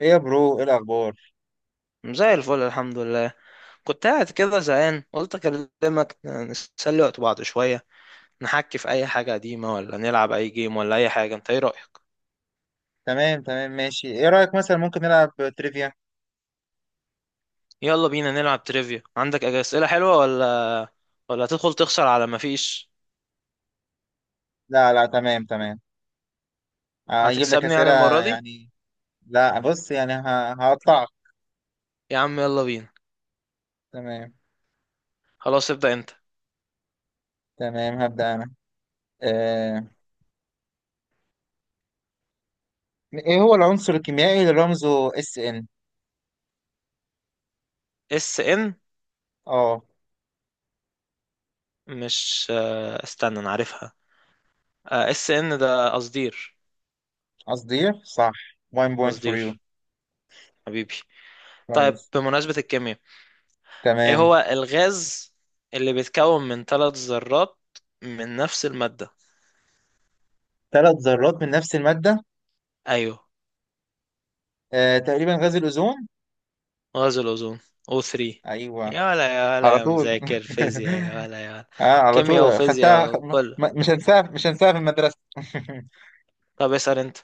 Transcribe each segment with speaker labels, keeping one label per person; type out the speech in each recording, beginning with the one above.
Speaker 1: ايه يا برو، ايه الاخبار؟
Speaker 2: زي الفل، الحمد لله. كنت قاعد كده زهقان، قلت اكلمك نسلي وقت بعض شوية. نحكي في اي حاجة قديمة، ولا نلعب اي جيم، ولا اي حاجة؟ انت ايه رأيك؟
Speaker 1: تمام، تمام، ماشي، ايه رايك مثلا ممكن نلعب تريفيا.
Speaker 2: يلا بينا نلعب تريفيا. عندك اسئلة حلوة ولا ولا هتدخل تخسر على ما فيش؟
Speaker 1: لا، لا، تمام، تمام، هجيب لك
Speaker 2: هتكسبني يعني
Speaker 1: اسئله.
Speaker 2: المرة دي؟
Speaker 1: يعني، لا، بص يعني هقطعك.
Speaker 2: يا عم يلا بينا.
Speaker 1: تمام،
Speaker 2: خلاص ابدأ انت.
Speaker 1: تمام، هبدا انا. آه. ايه هو العنصر الكيميائي اللي رمزه اس ان؟
Speaker 2: اس ان؟
Speaker 1: اه،
Speaker 2: مش استنى انا عارفها. اس ان ده قصدير.
Speaker 1: قصدي صح. 1 point for you.
Speaker 2: قصدير حبيبي. طيب،
Speaker 1: كويس.
Speaker 2: بمناسبة الكيمياء، ايه
Speaker 1: تمام،
Speaker 2: هو الغاز اللي بيتكون من ثلاث ذرات من نفس المادة؟
Speaker 1: ثلاث ذرات من نفس الماده.
Speaker 2: ايوه.
Speaker 1: تقريبا غاز الاوزون.
Speaker 2: غاز الاوزون، O3.
Speaker 1: ايوه،
Speaker 2: يا ولا يا ولا
Speaker 1: على
Speaker 2: يا
Speaker 1: طول.
Speaker 2: مذاكر فيزياء، يا ولا يا ولا.
Speaker 1: اه، على
Speaker 2: كيمياء
Speaker 1: طول خدتها.
Speaker 2: وفيزياء كله.
Speaker 1: مش هنساها، مش هنساها في المدرسه.
Speaker 2: طب اسأل انت.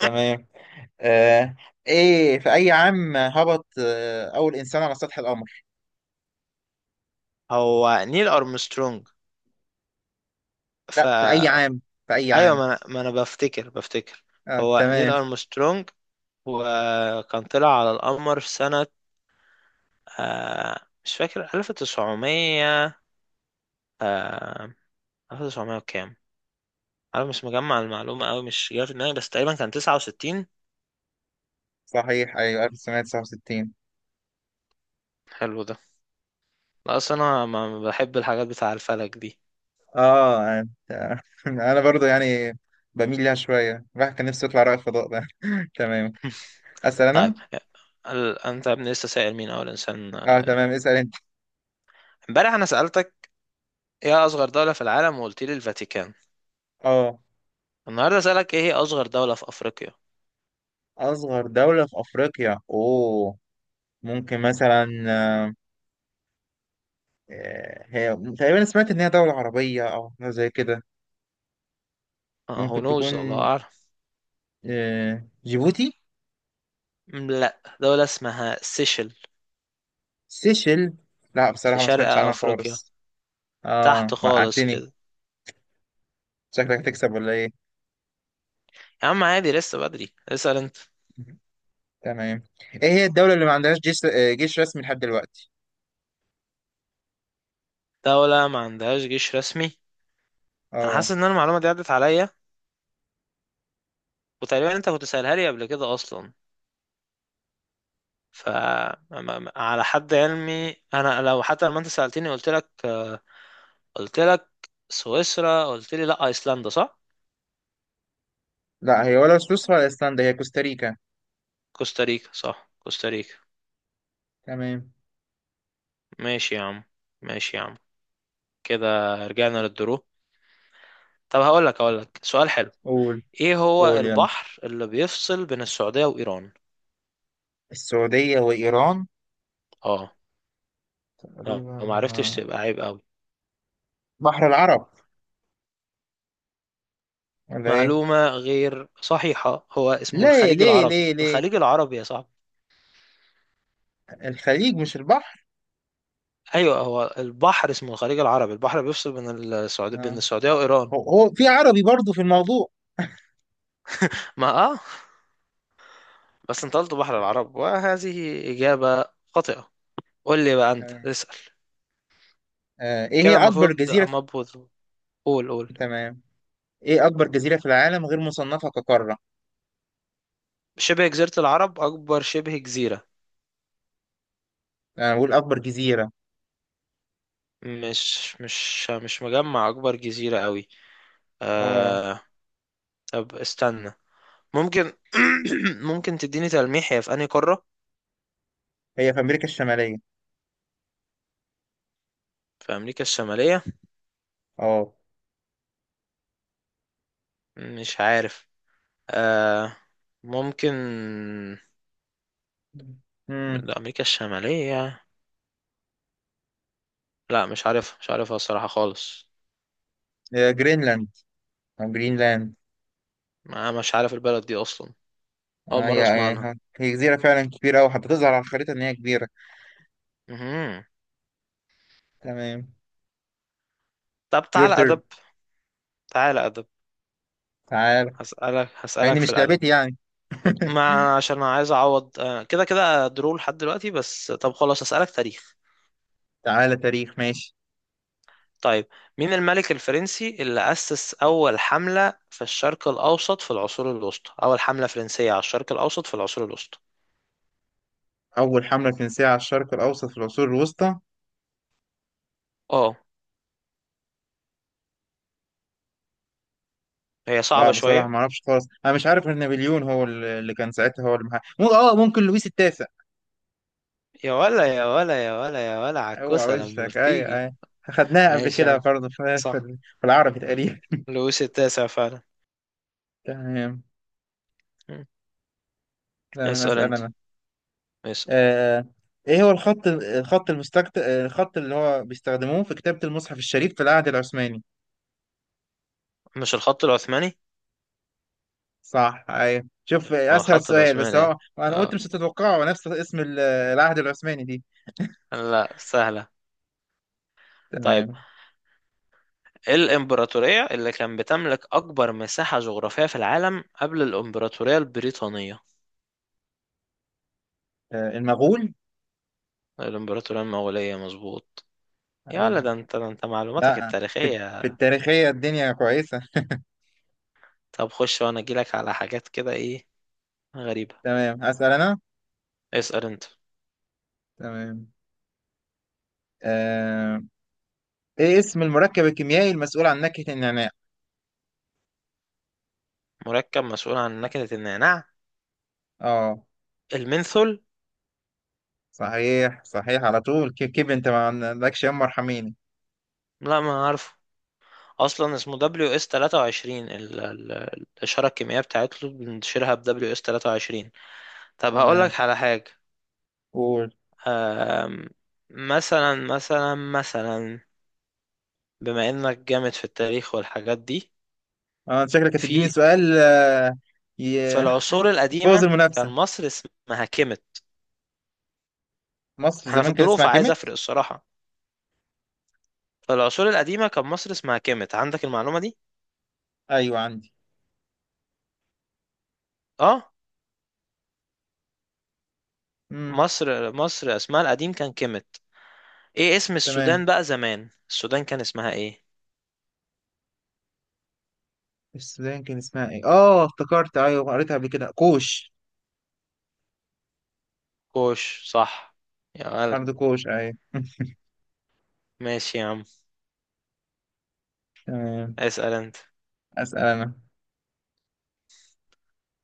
Speaker 1: تمام. آه ايه في اي عام هبط اول انسان على سطح القمر؟
Speaker 2: هو نيل ارمسترونج. ف
Speaker 1: لا، في اي عام، في اي
Speaker 2: ايوه،
Speaker 1: عام؟
Speaker 2: ما انا ما أنا بفتكر هو نيل
Speaker 1: تمام.
Speaker 2: ارمسترونج، وكان طلع على القمر في سنة مش فاكر، 1900. آه، 1900 وكام؟ انا مش مجمع المعلومه قوي، مش جايه في دماغي، بس تقريبا كان 69.
Speaker 1: صحيح، ايوه، 1969.
Speaker 2: حلو ده. لا اصل انا ما بحب الحاجات بتاع الفلك دي.
Speaker 1: اه، آه. انا برضو يعني بميل ليها شويه، الواحد كان نفسه يطلع رائد فضاء ده. تمام، اسال
Speaker 2: طيب،
Speaker 1: انا.
Speaker 2: انت يا ابني لسه سائل مين اول انسان؟
Speaker 1: اه، تمام، اسال انت.
Speaker 2: امبارح انا سالتك ايه اصغر دوله في العالم، وقلت لي الفاتيكان.
Speaker 1: اه،
Speaker 2: النهارده سالك ايه هي اصغر دوله في افريقيا.
Speaker 1: اصغر دوله في افريقيا. اوه، ممكن مثلا، هي تقريبا سمعت ان هي دوله عربيه او حاجة زي كده.
Speaker 2: اه، هو
Speaker 1: ممكن
Speaker 2: نوز، الله
Speaker 1: تكون
Speaker 2: اعلم.
Speaker 1: جيبوتي.
Speaker 2: لا، دوله اسمها سيشل.
Speaker 1: سيشل. لا،
Speaker 2: في
Speaker 1: بصراحة ما
Speaker 2: شرق
Speaker 1: سمعتش عنها
Speaker 2: افريقيا،
Speaker 1: خالص.
Speaker 2: تحت
Speaker 1: اه،
Speaker 2: خالص
Speaker 1: وقعتني.
Speaker 2: كده.
Speaker 1: شكلك هتكسب ولا ايه؟
Speaker 2: يا عم عادي، لسه بدري. اسال انت.
Speaker 1: تمام. ايه هي الدولة اللي ما عندهاش جيش رسمي لحد دلوقتي؟
Speaker 2: دوله ما عندهاش جيش رسمي؟ انا حاسس
Speaker 1: اه،
Speaker 2: ان أنا المعلومه دي عدت عليا، وتقريبا انت كنت سألها لي قبل كده اصلا. ف على حد علمي انا، لو حتى لما انت سألتني قلت لك قلت لك سويسرا، قلت لي لا ايسلندا، صح؟
Speaker 1: لا، هي ولا سويسرا ولا ايسلندا، هي كوستاريكا.
Speaker 2: كوستاريكا، صح كوستاريكا.
Speaker 1: تمام،
Speaker 2: ماشي يا عم، ماشي يا عم. كده رجعنا للدرو. طب هقول لك سؤال حلو.
Speaker 1: قول،
Speaker 2: ايه هو
Speaker 1: قول يلا.
Speaker 2: البحر اللي بيفصل بين السعودية وإيران؟
Speaker 1: السعودية وإيران.
Speaker 2: اه. لو
Speaker 1: تقريبا
Speaker 2: ما عرفتش تبقى عيب قوي.
Speaker 1: بحر العرب، ولا ايه؟
Speaker 2: معلومة غير صحيحة، هو اسمه
Speaker 1: ليه،
Speaker 2: الخليج
Speaker 1: ليه،
Speaker 2: العربي،
Speaker 1: ليه، ليه؟
Speaker 2: الخليج العربي يا صاحبي.
Speaker 1: الخليج مش البحر؟
Speaker 2: ايوه، هو البحر اسمه الخليج العربي، البحر بيفصل بين السعوديه
Speaker 1: آه.
Speaker 2: وايران.
Speaker 1: هو في عربي برضو في الموضوع.
Speaker 2: ما اه. بس انت قلت بحر العرب، وهذه اجابه خاطئه. قول لي بقى، انت
Speaker 1: آه.
Speaker 2: اسال.
Speaker 1: ايه هي
Speaker 2: كده
Speaker 1: أكبر
Speaker 2: المفروض
Speaker 1: جزيرة في.
Speaker 2: قول
Speaker 1: تمام، ايه اكبر جزيرة في العالم غير مصنفة كقارة؟
Speaker 2: شبه جزيره العرب اكبر شبه جزيره.
Speaker 1: انا بقول اكبر جزيرة.
Speaker 2: مش مجمع اكبر جزيره قوي.
Speaker 1: اه،
Speaker 2: آه. طب استنى، ممكن ممكن تديني تلميح؟ هي في انهي قاره؟
Speaker 1: هي في امريكا الشمالية.
Speaker 2: في امريكا الشماليه؟
Speaker 1: اه،
Speaker 2: مش عارف. آه، ممكن.
Speaker 1: امم
Speaker 2: من امريكا الشماليه. لا مش عارف، مش عارفها الصراحه خالص.
Speaker 1: جرينلاند، جرينلاند.
Speaker 2: ما مش عارف البلد دي اصلا، اول
Speaker 1: هي
Speaker 2: مره اسمع عنها.
Speaker 1: هي هي جزيرة فعلا كبيرة أوي حتى تظهر على الخريطة إن هي كبيرة.
Speaker 2: مهم.
Speaker 1: تمام،
Speaker 2: طب
Speaker 1: يور
Speaker 2: تعالى
Speaker 1: تيرن،
Speaker 2: ادب، تعالى ادب.
Speaker 1: تعال.
Speaker 2: هسالك
Speaker 1: يعني
Speaker 2: في
Speaker 1: مش
Speaker 2: الادب.
Speaker 1: لعبتي، يعني.
Speaker 2: ما عشان انا عايز اعوض، كده كده درو لحد دلوقتي، بس طب خلاص هسالك تاريخ.
Speaker 1: تعالى تاريخ، ماشي.
Speaker 2: طيب، مين الملك الفرنسي اللي اسس اول حمله في الشرق الاوسط في العصور الوسطى؟ اول حمله فرنسيه على الشرق الاوسط في العصور الوسطى.
Speaker 1: أول حملة فرنسية على الشرق الأوسط في العصور الوسطى.
Speaker 2: اه. هي
Speaker 1: لا،
Speaker 2: صعبه
Speaker 1: بصراحة
Speaker 2: شويه.
Speaker 1: ما أعرفش خالص، أنا مش عارف غير نابليون، هو اللي كان ساعتها، هو اللي محقق. اه، ممكن لويس التاسع.
Speaker 2: يا ولا يا ولا يا ولا يا ولا،
Speaker 1: اوعى
Speaker 2: عكوسة لما
Speaker 1: وشك، اي،
Speaker 2: بتيجي.
Speaker 1: اي. خدناها قبل
Speaker 2: ماشي يا
Speaker 1: كده
Speaker 2: عم،
Speaker 1: برضه في في
Speaker 2: صح.
Speaker 1: في العربي تقريبا.
Speaker 2: لويس التاسع فعلا.
Speaker 1: تمام،
Speaker 2: مم.
Speaker 1: تمام،
Speaker 2: اسأل
Speaker 1: اسال
Speaker 2: انت،
Speaker 1: انا.
Speaker 2: اسأل.
Speaker 1: آه ايه هو الخط الخط المستكت آه، الخط اللي هو بيستخدموه في كتابة المصحف الشريف في العهد العثماني؟
Speaker 2: مش الخط العثماني؟
Speaker 1: صح، ايوه، شوف،
Speaker 2: اه،
Speaker 1: اسهل
Speaker 2: الخط
Speaker 1: سؤال، بس
Speaker 2: العثماني يعني.
Speaker 1: هو انا قلت
Speaker 2: اه.
Speaker 1: مش هتتوقعه نفس اسم العهد العثماني دي.
Speaker 2: لا سهلة. طيب،
Speaker 1: تمام.
Speaker 2: ايه الامبراطورية اللي كان بتملك اكبر مساحة جغرافية في العالم قبل الامبراطورية البريطانية؟
Speaker 1: المغول.
Speaker 2: الامبراطورية المغولية، مظبوط. يا ولا،
Speaker 1: ايوه،
Speaker 2: ده انت معلوماتك
Speaker 1: لا، في
Speaker 2: التاريخية.
Speaker 1: في التاريخية الدنيا كويسة.
Speaker 2: طب خش، وانا اجيلك على حاجات كده ايه غريبة.
Speaker 1: تمام، اسال انا.
Speaker 2: اسأل انت.
Speaker 1: تمام، آه، ايه اسم المركب الكيميائي المسؤول عن نكهة النعناع؟
Speaker 2: مركب مسؤول عن نكهة النعناع؟
Speaker 1: اه،
Speaker 2: المنثول.
Speaker 1: صحيح، صحيح، على طول. كيف، كيف انت ما عندكش؟ يما ارحميني.
Speaker 2: لا ما عارفه. اصلا اسمه دبليو اس 23، الاشاره الكيميائيه بتاعته بنشيرها ب دبليو اس 23. طب هقول
Speaker 1: تمام،
Speaker 2: لك على حاجه.
Speaker 1: قول.
Speaker 2: أم، مثلا، بما انك جامد في التاريخ والحاجات دي.
Speaker 1: اه، انت شكلك
Speaker 2: في
Speaker 1: هتديني سؤال.
Speaker 2: في
Speaker 1: ي-
Speaker 2: العصور
Speaker 1: يبوظ
Speaker 2: القديمه كان
Speaker 1: المنافسة.
Speaker 2: مصر اسمها كيمت.
Speaker 1: مصر
Speaker 2: احنا في
Speaker 1: زمان كان
Speaker 2: الظروف
Speaker 1: اسمها
Speaker 2: عايز افرق
Speaker 1: كيميت.
Speaker 2: الصراحه. في العصور القديمه كان مصر اسمها كيمت، عندك المعلومه دي؟
Speaker 1: ايوه، عندي،
Speaker 2: اه.
Speaker 1: امم،
Speaker 2: مصر اسمها القديم كان كيمت. ايه اسم
Speaker 1: تمام.
Speaker 2: السودان بقى زمان؟ السودان كان اسمها ايه؟
Speaker 1: السودان كان اسمها ايه؟ اه، افتكرت، ايوه، قريتها قبل كده، كوش.
Speaker 2: كوش، صح. يا مالك.
Speaker 1: ارض كوش، ايوه.
Speaker 2: ماشي يا عم.
Speaker 1: تمام،
Speaker 2: اسأل انت.
Speaker 1: اسال انا.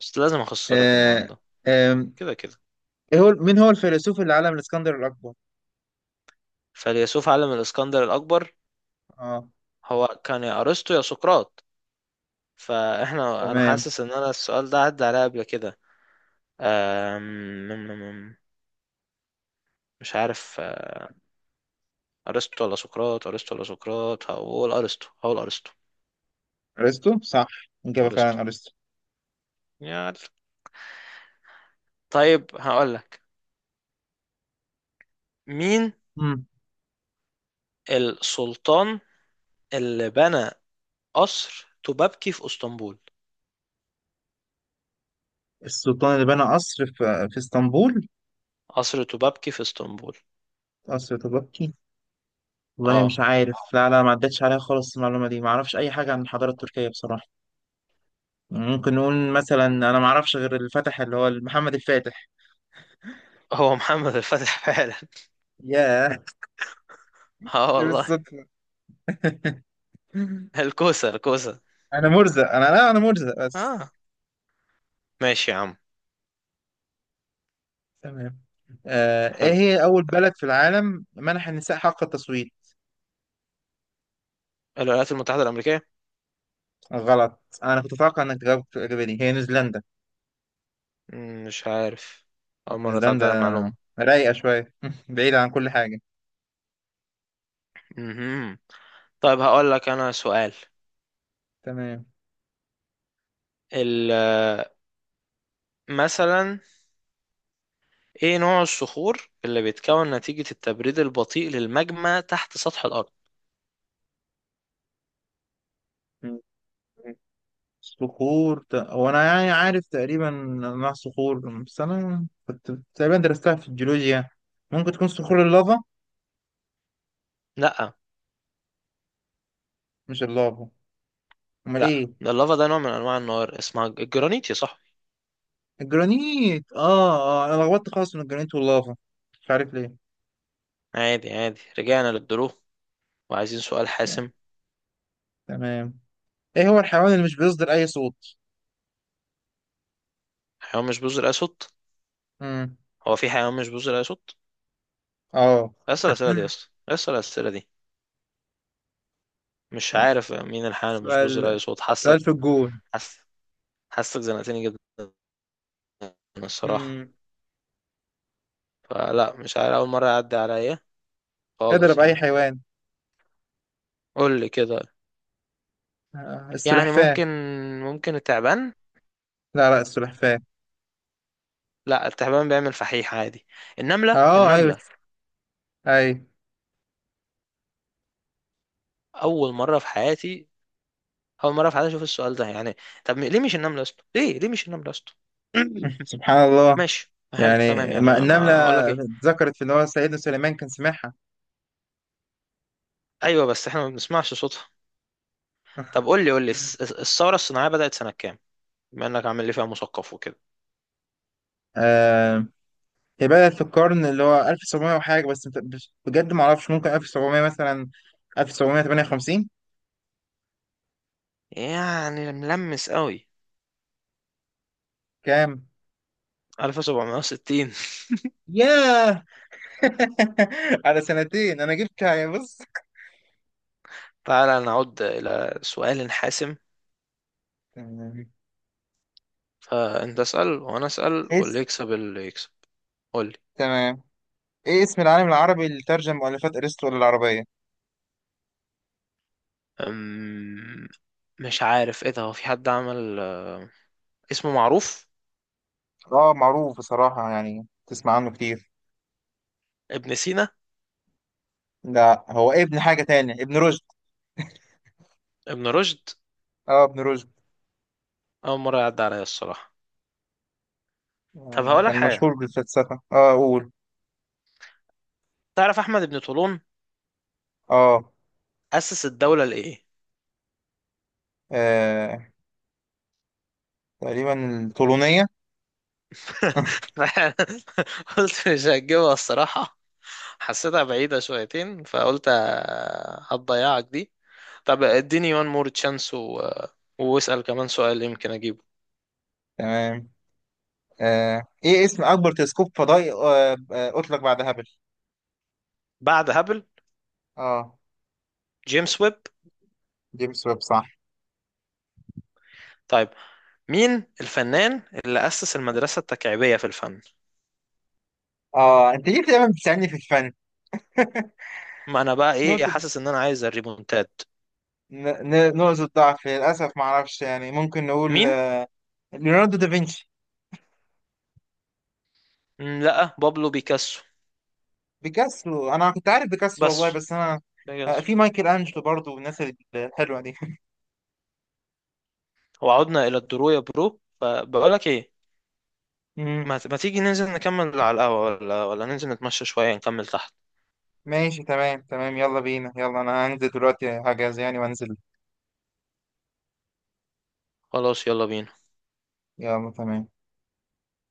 Speaker 2: بس لازم اخسرك
Speaker 1: آه.
Speaker 2: النهارده،
Speaker 1: آه.
Speaker 2: كده كده.
Speaker 1: ايه هو مين هو الفيلسوف اللي علم الاسكندر الاكبر؟
Speaker 2: فيلسوف عالم الاسكندر الاكبر؟
Speaker 1: اه،
Speaker 2: هو كان يا ارسطو يا سقراط. فاحنا انا
Speaker 1: تمام.
Speaker 2: حاسس ان انا السؤال ده عدى عليا قبل كده. أم... مم- مم- مم. مش عارف. ارسطو ولا سقراط، ارسطو ولا سقراط، هقول ارسطو، هقول ارسطو.
Speaker 1: ارسطو صح، اجابه
Speaker 2: ارسطو.
Speaker 1: فعلا ارسطو.
Speaker 2: يا عل. طيب هقول لك، مين
Speaker 1: مم.
Speaker 2: السلطان اللي بنى قصر توبابكي في اسطنبول؟
Speaker 1: السلطان اللي بنى قصر في اسطنبول؟
Speaker 2: قصر توبابكي في اسطنبول.
Speaker 1: قصر تبكي. والله
Speaker 2: اه،
Speaker 1: مش عارف، لا، لا، ما عدتش عليا خالص المعلومة دي، ما اعرفش اي حاجة عن الحضارة التركية بصراحة. ممكن نقول مثلا، انا ما اعرفش غير اللي فتح، اللي هو محمد الفاتح.
Speaker 2: هو محمد الفتح فعلا.
Speaker 1: ياه،
Speaker 2: اه
Speaker 1: شوف
Speaker 2: والله.
Speaker 1: الصدفة.
Speaker 2: الكوسة الكوسة.
Speaker 1: انا مرزق، انا لا، انا مرزق بس.
Speaker 2: اه ماشي يا عم.
Speaker 1: تمام. ايه
Speaker 2: حلو.
Speaker 1: هي اول بلد في العالم منح النساء حق التصويت؟
Speaker 2: الولايات المتحدة الأمريكية.
Speaker 1: غلط، انا كنت اتوقع انك تجاوب. الاجابه دي هي نيوزيلندا.
Speaker 2: مش عارف. أول مرة
Speaker 1: الاسدان
Speaker 2: تعدي
Speaker 1: ده
Speaker 2: على معلومة.
Speaker 1: رايقة شوية. بعيدة عن كل حاجة.
Speaker 2: مهم. طيب هقول لك أنا سؤال.
Speaker 1: تمام.
Speaker 2: ال مثلا، إيه نوع الصخور اللي بيتكون نتيجة التبريد البطيء للماجما تحت سطح الأرض؟
Speaker 1: م. م. صخور هو أنا يعني عارف تقريبا أنواع الصخور، بس أنا كنت تقريبا درستها في الجيولوجيا يعني. ممكن تكون صخور اللافا.
Speaker 2: لأ.
Speaker 1: مش اللافا؟ أمال
Speaker 2: لأ،
Speaker 1: إيه؟
Speaker 2: ده اللافا، ده نوع من أنواع النار اسمها الجرانيت يا صاحبي.
Speaker 1: الجرانيت، آه. أنا لخبطت خالص من الجرانيت واللافا، مش عارف ليه.
Speaker 2: عادي عادي، رجعنا للدروب، وعايزين سؤال حاسم.
Speaker 1: تمام، إيه هو الحيوان اللي مش بيصدر أي صوت؟
Speaker 2: حيوان مش بذر أسود؟
Speaker 1: مم.
Speaker 2: هو في حيوان مش بيصدر اي صوت؟
Speaker 1: آه.
Speaker 2: اسال الاسئله دي يا اسطى، اسال الاسئله دي. مش عارف مين الحيوان اللي مش
Speaker 1: سؤال،
Speaker 2: بيصدر اي صوت.
Speaker 1: سؤال
Speaker 2: حاسك.
Speaker 1: في الجون.
Speaker 2: حس. حاسك زنقتني جدا الصراحه.
Speaker 1: مم.
Speaker 2: فلا مش عارف، اول مره يعدي عليا
Speaker 1: اضرب
Speaker 2: خالص
Speaker 1: أي
Speaker 2: يعني.
Speaker 1: حيوان.
Speaker 2: قول لي كده. يعني
Speaker 1: السلحفاة.
Speaker 2: ممكن، ممكن التعبان.
Speaker 1: لا، لا، السلحفاة.
Speaker 2: لا، التعبان بيعمل فحيح عادي. النمله،
Speaker 1: اه، ايوه،
Speaker 2: النمله.
Speaker 1: ايوه.
Speaker 2: اول مره في حياتي، اول مره في حياتي اشوف السؤال ده يعني. طب ليه مش النمله يا اسطى؟ ليه مش النمله يا اسطى؟
Speaker 1: سبحان الله.
Speaker 2: ماشي حلو
Speaker 1: يعني،
Speaker 2: تمام يعني،
Speaker 1: ما
Speaker 2: ما
Speaker 1: النملة
Speaker 2: ما هقول لك ايه.
Speaker 1: ذكرت في اللي هو سيدنا سليمان كان سمعها.
Speaker 2: ايوه بس احنا ما بنسمعش صوتها. طب قول لي الثورة الصناعية بدأت سنة كام؟ بما انك عامل لي فيها مثقف وكده.
Speaker 1: آه هي بدأت في القرن اللي هو 1700 وحاجة، بس بجد ما اعرفش، ممكن 1700 مثلا، 1758.
Speaker 2: يعني ملمس قوي.
Speaker 1: كام؟
Speaker 2: 1760.
Speaker 1: ياه. على سنتين انا جبت يعني، بص.
Speaker 2: تعالى نعود إلى سؤال حاسم.
Speaker 1: تمام.
Speaker 2: فأنت اسأل وأنا أسأل،
Speaker 1: اس،
Speaker 2: واللي يكسب اللي يكسب. قول لي.
Speaker 1: تمام، ايه اسم العالم العربي اللي ترجم مؤلفات ارسطو للعربية؟
Speaker 2: أم، مش عارف إيه ده، هو في حد عمل، اسمه معروف.
Speaker 1: اه، معروف بصراحة يعني، تسمع عنه كتير.
Speaker 2: ابن سينا.
Speaker 1: ده هو ابن حاجة تانية، ابن رشد.
Speaker 2: ابن رشد.
Speaker 1: اه، ابن رشد.
Speaker 2: أول مرة يعدي عليا الصراحة. طب هقولك
Speaker 1: كان
Speaker 2: حاجة،
Speaker 1: مشهور بالفلسفة. اه، قول.
Speaker 2: تعرف أحمد بن طولون
Speaker 1: اه،
Speaker 2: أسس الدولة لإيه؟
Speaker 1: آه، تقريبا الطولونية.
Speaker 2: قلت مش هتجيبها الصراحة، حسيتها بعيدة شويتين، فقلت هتضيعك دي. طب اديني وان مور تشانس، و... واسأل كمان سؤال يمكن اجيبه.
Speaker 1: تمام. ايه اسم اكبر تلسكوب فضائي اطلق بعد هابل؟
Speaker 2: بعد هابل.
Speaker 1: اه،
Speaker 2: جيمس ويب.
Speaker 1: جيمس ويب صح.
Speaker 2: طيب، مين الفنان اللي أسس المدرسة التكعيبية في الفن؟
Speaker 1: اه، انت ليه دايما بتساعدني في الفن؟
Speaker 2: ما انا بقى ايه،
Speaker 1: نقطة،
Speaker 2: حاسس ان انا عايز الريمونتاد.
Speaker 1: نقطة ضعف. للأسف ما أعرفش يعني، ممكن نقول
Speaker 2: مين؟
Speaker 1: ليوناردو دافنشي.
Speaker 2: لا، بابلو بيكاسو.
Speaker 1: بيكاسو، انا كنت عارف بيكاسو والله،
Speaker 2: بس
Speaker 1: بس انا.
Speaker 2: بيكاسو.
Speaker 1: في مايكل انجلو برضو والناس الحلوه دي.
Speaker 2: وعدنا الى الدرو يا برو، فبقول لك ايه،
Speaker 1: مم.
Speaker 2: ما تيجي ننزل نكمل على القهوة، ولا ننزل نتمشى شوية نكمل تحت؟
Speaker 1: ماشي، تمام، تمام، يلا بينا. يلا، انا هنزل دلوقتي هجهز يعني وانزل.
Speaker 2: خلاص يلا بينا.
Speaker 1: يلا، تمام.